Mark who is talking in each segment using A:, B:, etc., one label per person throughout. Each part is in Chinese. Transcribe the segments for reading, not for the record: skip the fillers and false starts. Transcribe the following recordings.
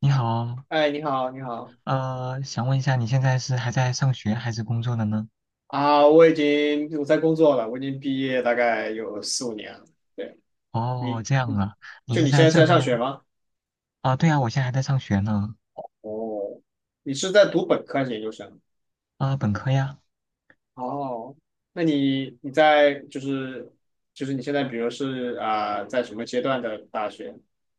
A: 你好，
B: 哎，你好，你好
A: 想问一下，你现在是还在上学还是工作的呢？
B: 啊！我已经我在工作了，我已经毕业大概有4、5年了。对，
A: 哦，
B: 你，
A: 这样
B: 你
A: 啊，你
B: 就
A: 是
B: 你现
A: 在
B: 在是
A: 这
B: 在上学
A: 边
B: 吗？
A: 啊？对啊，我现在还在上学呢。
B: 哦，你是在读本科还是研究生？
A: 啊，本科呀。
B: 哦，那你你在就是就是你现在比如是在什么阶段的大学？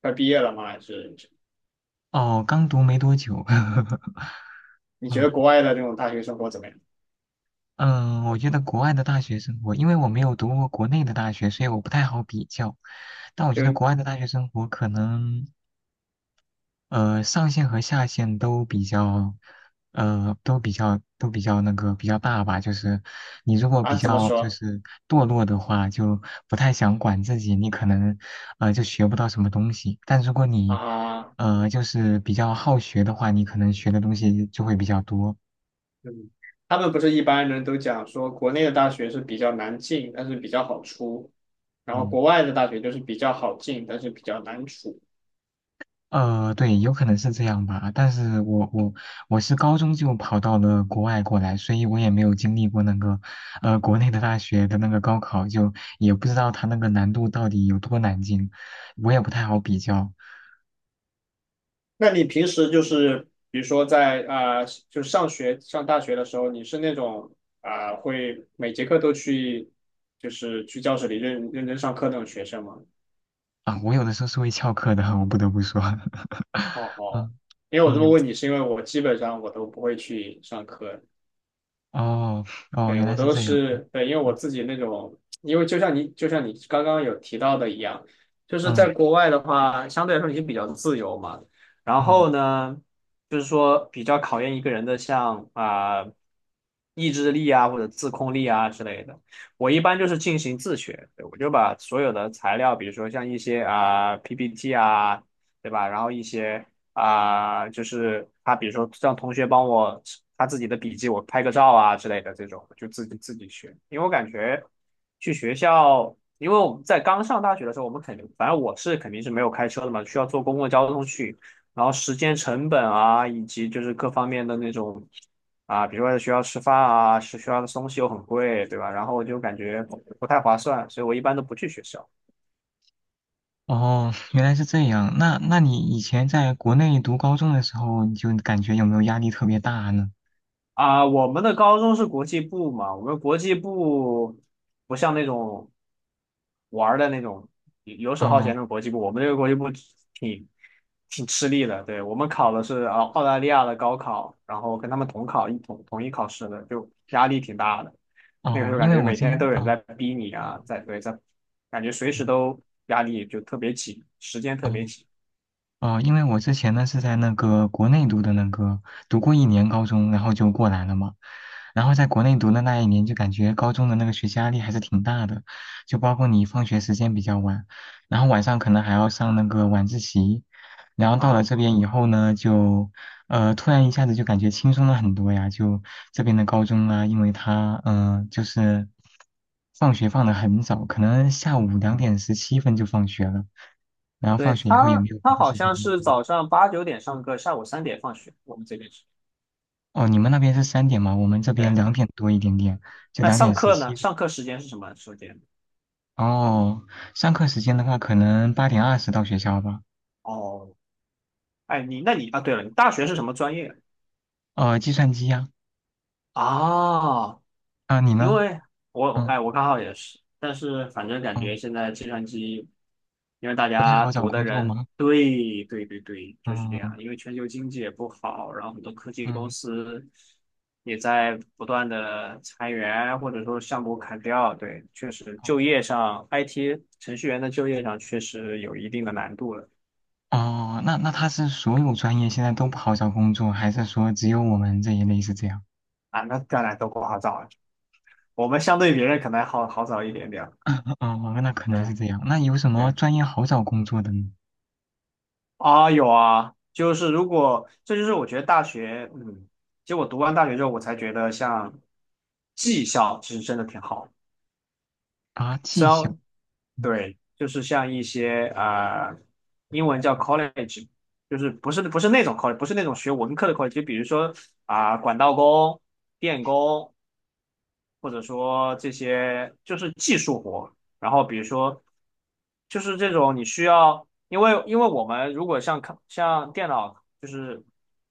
B: 快毕业了吗？还是
A: 哦，刚读没多久。
B: 你觉
A: 嗯
B: 得国外的那种大学生活怎么样？
A: 嗯，我觉得国外的大学生活，因为我没有读过国内的大学，所以我不太好比较。但我觉得
B: 就
A: 国外的大学生活可能。上限和下限都比较，那个比较大吧。就是你如果比
B: 怎么
A: 较就
B: 说
A: 是堕落的话，就不太想管自己，你可能就学不到什么东西。但如果你
B: 啊？
A: 就是比较好学的话，你可能学的东西就会比较多。
B: 嗯，他们不是一般人都讲说，国内的大学是比较难进，但是比较好出，然后
A: 嗯。
B: 国外的大学就是比较好进，但是比较难出。
A: 对，有可能是这样吧，但是我是高中就跑到了国外过来，所以我也没有经历过那个，国内的大学的那个高考，就也不知道它那个难度到底有多难进，我也不太好比较
B: 那你平时就是，比如说在就上大学的时候，你是那种会每节课都去，就是去教室里认真上课那种学生吗？
A: 啊。我有的时候是会翘课的，我不得不说。
B: 哦 哦，
A: 嗯
B: 因为我这么
A: 嗯，
B: 问你，是因为我基本上都不会去上课。
A: 哦哦，
B: 对，
A: 原
B: 我
A: 来是
B: 都
A: 这样。
B: 是，对，因为我
A: 嗯
B: 自己那种，因为就像你刚刚有提到的一样，就是在
A: 嗯
B: 国外的话，相对来说你就比较自由嘛。然
A: 嗯，
B: 后呢，就是说比较考验一个人的像意志力啊或者自控力啊之类的。我一般就是进行自学。对，我就把所有的材料，比如说像一些PPT 啊，对吧？然后一些就是他比如说让同学帮我他自己的笔记，我拍个照啊之类的这种，就自己学。因为我感觉去学校，因为我们在刚上大学的时候，我们肯定，反正我是肯定是没有开车的嘛，需要坐公共交通去，然后时间成本啊，以及就是各方面的那种。啊，比如说在学校吃饭啊，是学校的东西又很贵，对吧？然后我就感觉不太划算，所以我一般都不去学校。
A: 哦，原来是这样。那你以前在国内读高中的时候，你就感觉有没有压力特别大呢？
B: 啊，我们的高中是国际部嘛，我们国际部不像那种玩儿的那种游游手好闲
A: 哦
B: 的国际部，我们这个国际部挺挺吃力的。对，我们考的是澳大利亚的高考，然后跟他们同一考试的，就压力挺大的。那个时
A: 哦，
B: 候感
A: 因为
B: 觉
A: 我
B: 每
A: 今
B: 天都
A: 天，
B: 有人在
A: 哦
B: 逼你啊，
A: 哦
B: 在对在，感觉随时
A: 哦
B: 都压力就特别紧，时间特别
A: 哦，
B: 紧
A: 哦，因为我之前呢是在那个国内读的那个，读过一年高中，然后就过来了嘛。然后在国内读的那一年，就感觉高中的那个学习压力还是挺大的，就包括你放学时间比较晚，然后晚上可能还要上那个晚自习。然后到了
B: 啊。
A: 这边以后呢，就突然一下子就感觉轻松了很多呀。就这边的高中啊，因为他就是放学放得很早，可能下午2点17分就放学了。然后
B: 对
A: 放学以后也
B: 他，
A: 没有别
B: 他
A: 的
B: 好
A: 事情
B: 像
A: 可以
B: 是
A: 做。
B: 早上8、9点上课，下午3点放学，我们这边是。
A: 哦，你们那边是3点吗？我们这边
B: 对。
A: 2点多一点点，就
B: 那
A: 两
B: 上
A: 点十
B: 课呢？
A: 七。
B: 上课时间是什么时间？
A: 哦，上课时间的话，可能8点20到学校吧。
B: 哦，哎，你那你啊，对了，你大学是什么专业
A: 计算机呀。
B: 啊？
A: 啊，你
B: 因
A: 呢？
B: 为
A: 嗯
B: 我刚好也是，但是反正感觉
A: 嗯，
B: 现在计算机，因为大
A: 不太
B: 家
A: 好找
B: 读的
A: 工作
B: 人，
A: 吗？
B: 对对对对，就是这
A: 嗯
B: 样。因为全球经济也不好，然后很多科技公
A: 嗯。
B: 司也在不断的裁员，或者说项目砍掉。对，确实就业上，IT 程序员的就业上确实有一定的难度了。
A: 哦，那他是所有专业现在都不好找工作，还是说只有我们这一类是这样？
B: 啊，那当然都不好找，我们相对别人可能还好找一点点。
A: 哦，那可能是
B: 对
A: 这样。那有什么
B: 对
A: 专业好找工作的呢？
B: 啊，有啊，就是如果这就是我觉得大学，其实我读完大学之后，我才觉得像技校其实真的挺好。
A: 啊，技
B: 虽
A: 校。
B: 然
A: 嗯
B: 对，就是像一些英文叫 college，就是不是那种 college，不是那种学文科的 college，就比如说啊、管道工、电工。或者说这些就是技术活。然后比如说，就是这种你需要，因为我们如果像电脑就是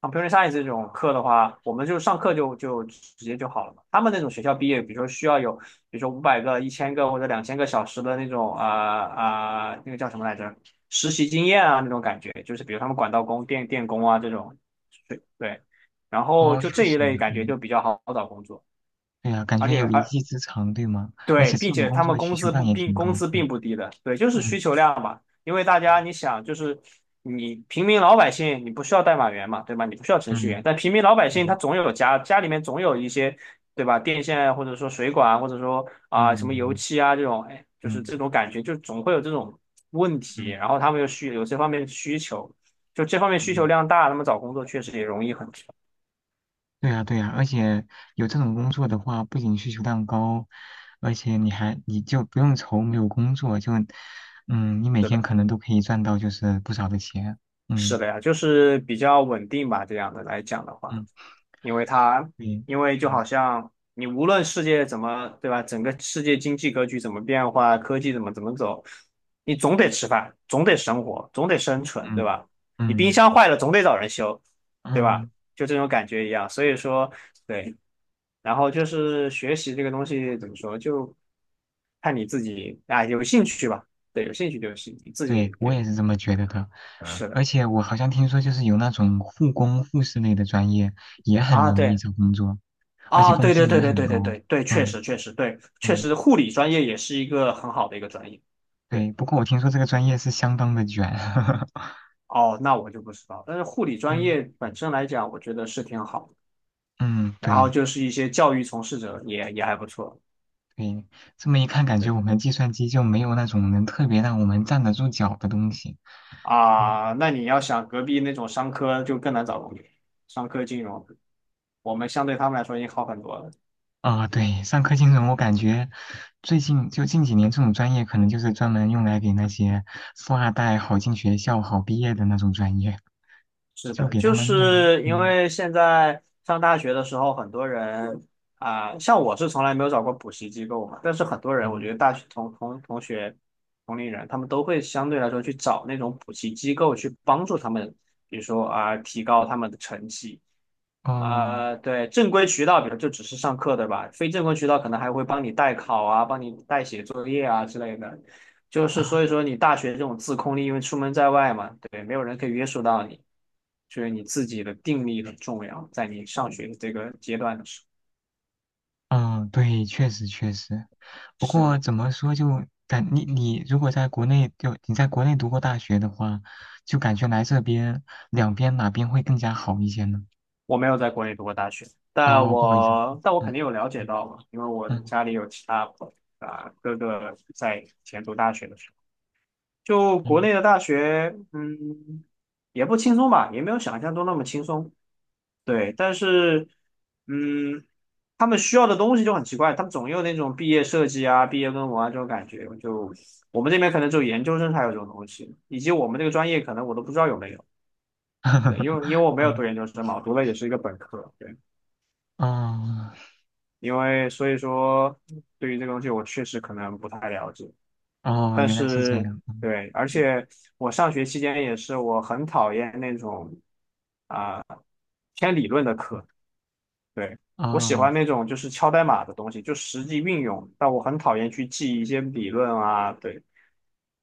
B: computer science 这种课的话，我们就上课就直接就好了嘛。他们那种学校毕业，比如说需要有，比如说500个、1000个或者2000个小时的那种那个叫什么来着？实习经验啊那种感觉，就是比如他们管道工、电工啊这种，对对。然后
A: 哦，
B: 就
A: 确
B: 这
A: 实。
B: 一类感觉就
A: 嗯
B: 比较好找工作，
A: 对呀，感
B: 而
A: 觉
B: 且
A: 有一
B: 而
A: 技之长，对吗？而
B: 对，
A: 且
B: 并
A: 这种
B: 且
A: 工
B: 他
A: 作
B: 们
A: 的需求量也挺
B: 工
A: 高。
B: 资
A: 嗯
B: 并不低的，对，就是需
A: 嗯
B: 求量嘛。因为大家你想，就是你平民老百姓，你不需要代码员嘛，对吧？你不需要程序员，
A: 嗯
B: 但平民老百姓他
A: 嗯
B: 总有家里面总有一些，对吧？电线啊或者说水管啊或者说啊、什么油
A: 嗯
B: 漆啊这种，哎，就是
A: 嗯
B: 这种感觉，就总会有这种问题。
A: 嗯
B: 然后他们又需有这方面的需求，就这方面需求
A: 嗯，
B: 量大，他们找工作确实也容易很多。
A: 对呀对呀，而且有这种工作的话，不仅需求量高，而且你就不用愁没有工作，就嗯，你每
B: 是
A: 天
B: 的，
A: 可能都可以赚到就是不少的钱。嗯
B: 是的呀，就是比较稳定吧，这样的来讲的话。
A: 嗯，
B: 因为它，
A: 对。
B: 因为就
A: 嗯
B: 好像你无论世界怎么，对吧？整个世界经济格局怎么变化，科技怎么走，你总得吃饭，总得生活，总得生存，对
A: 嗯
B: 吧？你冰
A: 嗯
B: 箱坏了总得找人修，对吧？
A: 嗯，
B: 就这种感觉一样。所以说，对，然后就是学习这个东西怎么说，就看你自己啊，有兴趣吧。对，有兴趣就行，你自己
A: 对，我
B: 对，
A: 也是这么觉得的。
B: 是的
A: 而且我好像听说，就是有那种护工、护士类的专业也很
B: 啊，
A: 容易
B: 对。
A: 找工作，而且
B: 啊，
A: 工
B: 对
A: 资
B: 对
A: 也
B: 对对
A: 很
B: 对对
A: 高。
B: 对对，确
A: 嗯
B: 实确实对，确
A: 嗯，
B: 实护理专业也是一个很好的一个专业。对，
A: 对。不过我听说这个专业是相当的卷。
B: 哦，那我就不知道。但是护理专
A: 嗯
B: 业本身来讲，我觉得是挺好的。
A: 嗯，
B: 然后
A: 对
B: 就是一些教育从事者也还不错。
A: 对。这么一看，感觉
B: 对
A: 我们计算机就没有那种能特别让我们站得住脚的东西。嗯
B: 啊，那你要想隔壁那种商科就更难找工作，商科金融，我们相对他们来说已经好很多了。
A: 啊，对，上课金融，我感觉最近就近几年这种专业，可能就是专门用来给那些富二代好进学校、好毕业的那种专业，
B: 是
A: 就
B: 的，
A: 给他
B: 就
A: 们弄个。
B: 是因为现在上大学的时候，很多人啊、像我是从来没有找过补习机构嘛，但是很多人，我觉
A: 嗯，
B: 得大学同学、同龄人，他们都会相对来说去找那种补习机构去帮助他们，比如说啊、提高他们的成绩，
A: 哦，
B: 啊、对，正规渠道，比如就只是上课，对吧？非正规渠道可能还会帮你代考啊，帮你代写作业啊之类的。就是
A: 啊
B: 所以说，你大学这种自控力，因为出门在外嘛，对，没有人可以约束到你，所以你自己的定力很重要，在你上学的这个阶段的时候。
A: 嗯，对，确实确实。不
B: 是
A: 过
B: 的，
A: 怎么说就感你你如果在国内就你在国内读过大学的话，就感觉来这边两边哪边会更加好一些呢？
B: 我没有在国内读过大学，但
A: 哦，不好意思。
B: 我但我
A: 嗯
B: 肯定有了解到嘛，因为我
A: 嗯
B: 家里有其他啊哥哥在以前读大学的时候。就国
A: 嗯，
B: 内的大学，也不轻松吧，也没有想象中那么轻松。对，但是，嗯，他们需要的东西就很奇怪，他们总有那种毕业设计啊、毕业论文啊这种感觉。就我们这边可能只有研究生才有这种东西，以及我们这个专业可能我都不知道有没有。对，因为 我没有读
A: 嗯
B: 研究生嘛，我读的也是一个本科。对，
A: 哦
B: 因为所以说对于这个东西我确实可能不太了解。
A: 哦，
B: 但
A: 原来是这
B: 是
A: 样。
B: 对，而
A: 嗯
B: 且我上学期间也是，我很讨厌那种啊、偏理论的课，对，我喜
A: 哦
B: 欢那种就是敲代码的东西，就实际运用，但我很讨厌去记一些理论啊。对，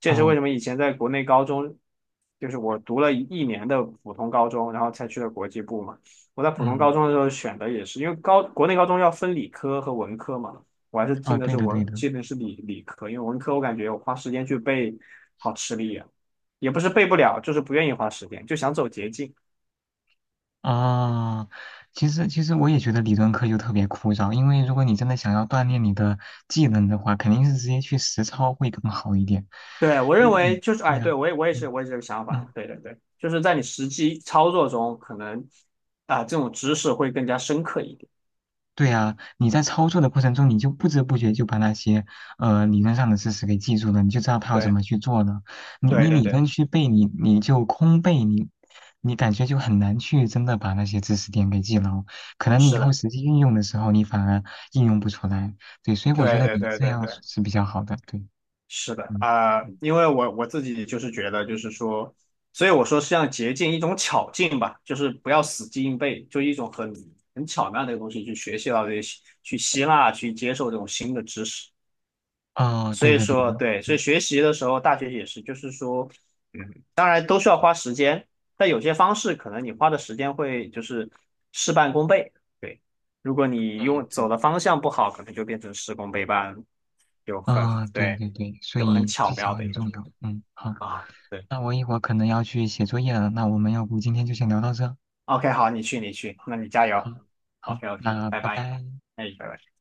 B: 这也是为什
A: 哦
B: 么以前在国内高中，就是我读了一年的普通高中，然后才去了国际部嘛。我在普通高
A: 嗯
B: 中的时候选的也是，因为高国内高中要分理科和文科嘛，我还是
A: 哦，对的对的。
B: 进的是理科，因为文科我感觉我花时间去背好吃力啊，也不是背不了，就是不愿意花时间，就想走捷径。
A: 啊，其实我也觉得理论课就特别枯燥，因为如果你真的想要锻炼你的技能的话，肯定是直接去实操会更好一点。
B: 对，我
A: 因
B: 认
A: 为
B: 为
A: 你，
B: 就是，
A: 对
B: 哎，
A: 呀，
B: 对，我也我也是
A: 嗯
B: 我也是这个想法，
A: 嗯。
B: 对对对，就是在你实际操作中，可能这种知识会更加深刻一点。
A: 对啊，你在操作的过程中，你就不知不觉就把那些理论上的知识给记住了，你就知道它要怎
B: 对
A: 么去做了。你
B: 对
A: 你
B: 对
A: 理
B: 对，
A: 论去背，你就空背，你感觉就很难去真的把那些知识点给记牢。可能你以
B: 是
A: 后
B: 的，
A: 实际运用的时候，你反而应用不出来。对，所以我觉
B: 对
A: 得
B: 对
A: 你
B: 对
A: 这
B: 对
A: 样
B: 对，
A: 是比较好的。对，
B: 是的
A: 嗯，
B: 因为我自己就是觉得就是说，所以我说是像捷径一种巧劲吧，就是不要死记硬背，就一种很巧妙的一个东西去学习到这些，去吸纳去接受这种新的知识。
A: 啊，
B: 所
A: 对
B: 以
A: 的，对
B: 说，
A: 的，
B: 对，所以
A: 对，
B: 学习的时候，大学也是，就是说，当然都需要花时间，但有些方式可能你花的时间会就是事半功倍。对，如果你
A: 嗯，
B: 用走
A: 对，
B: 的方向不好，可能就变成事功倍半，就很
A: 啊，对
B: 对，
A: 对对，所
B: 就很
A: 以技
B: 巧
A: 巧
B: 妙的
A: 很
B: 一个
A: 重要。嗯，好。
B: 啊。对
A: 那我一会儿可能要去写作业了，那我们要不今天就先聊到这？
B: ，OK，好，你去，你去，那你加
A: 好。
B: 油。
A: 好，
B: OK，OK，
A: 那
B: 拜
A: 拜
B: 拜。
A: 拜。
B: 哎，拜拜。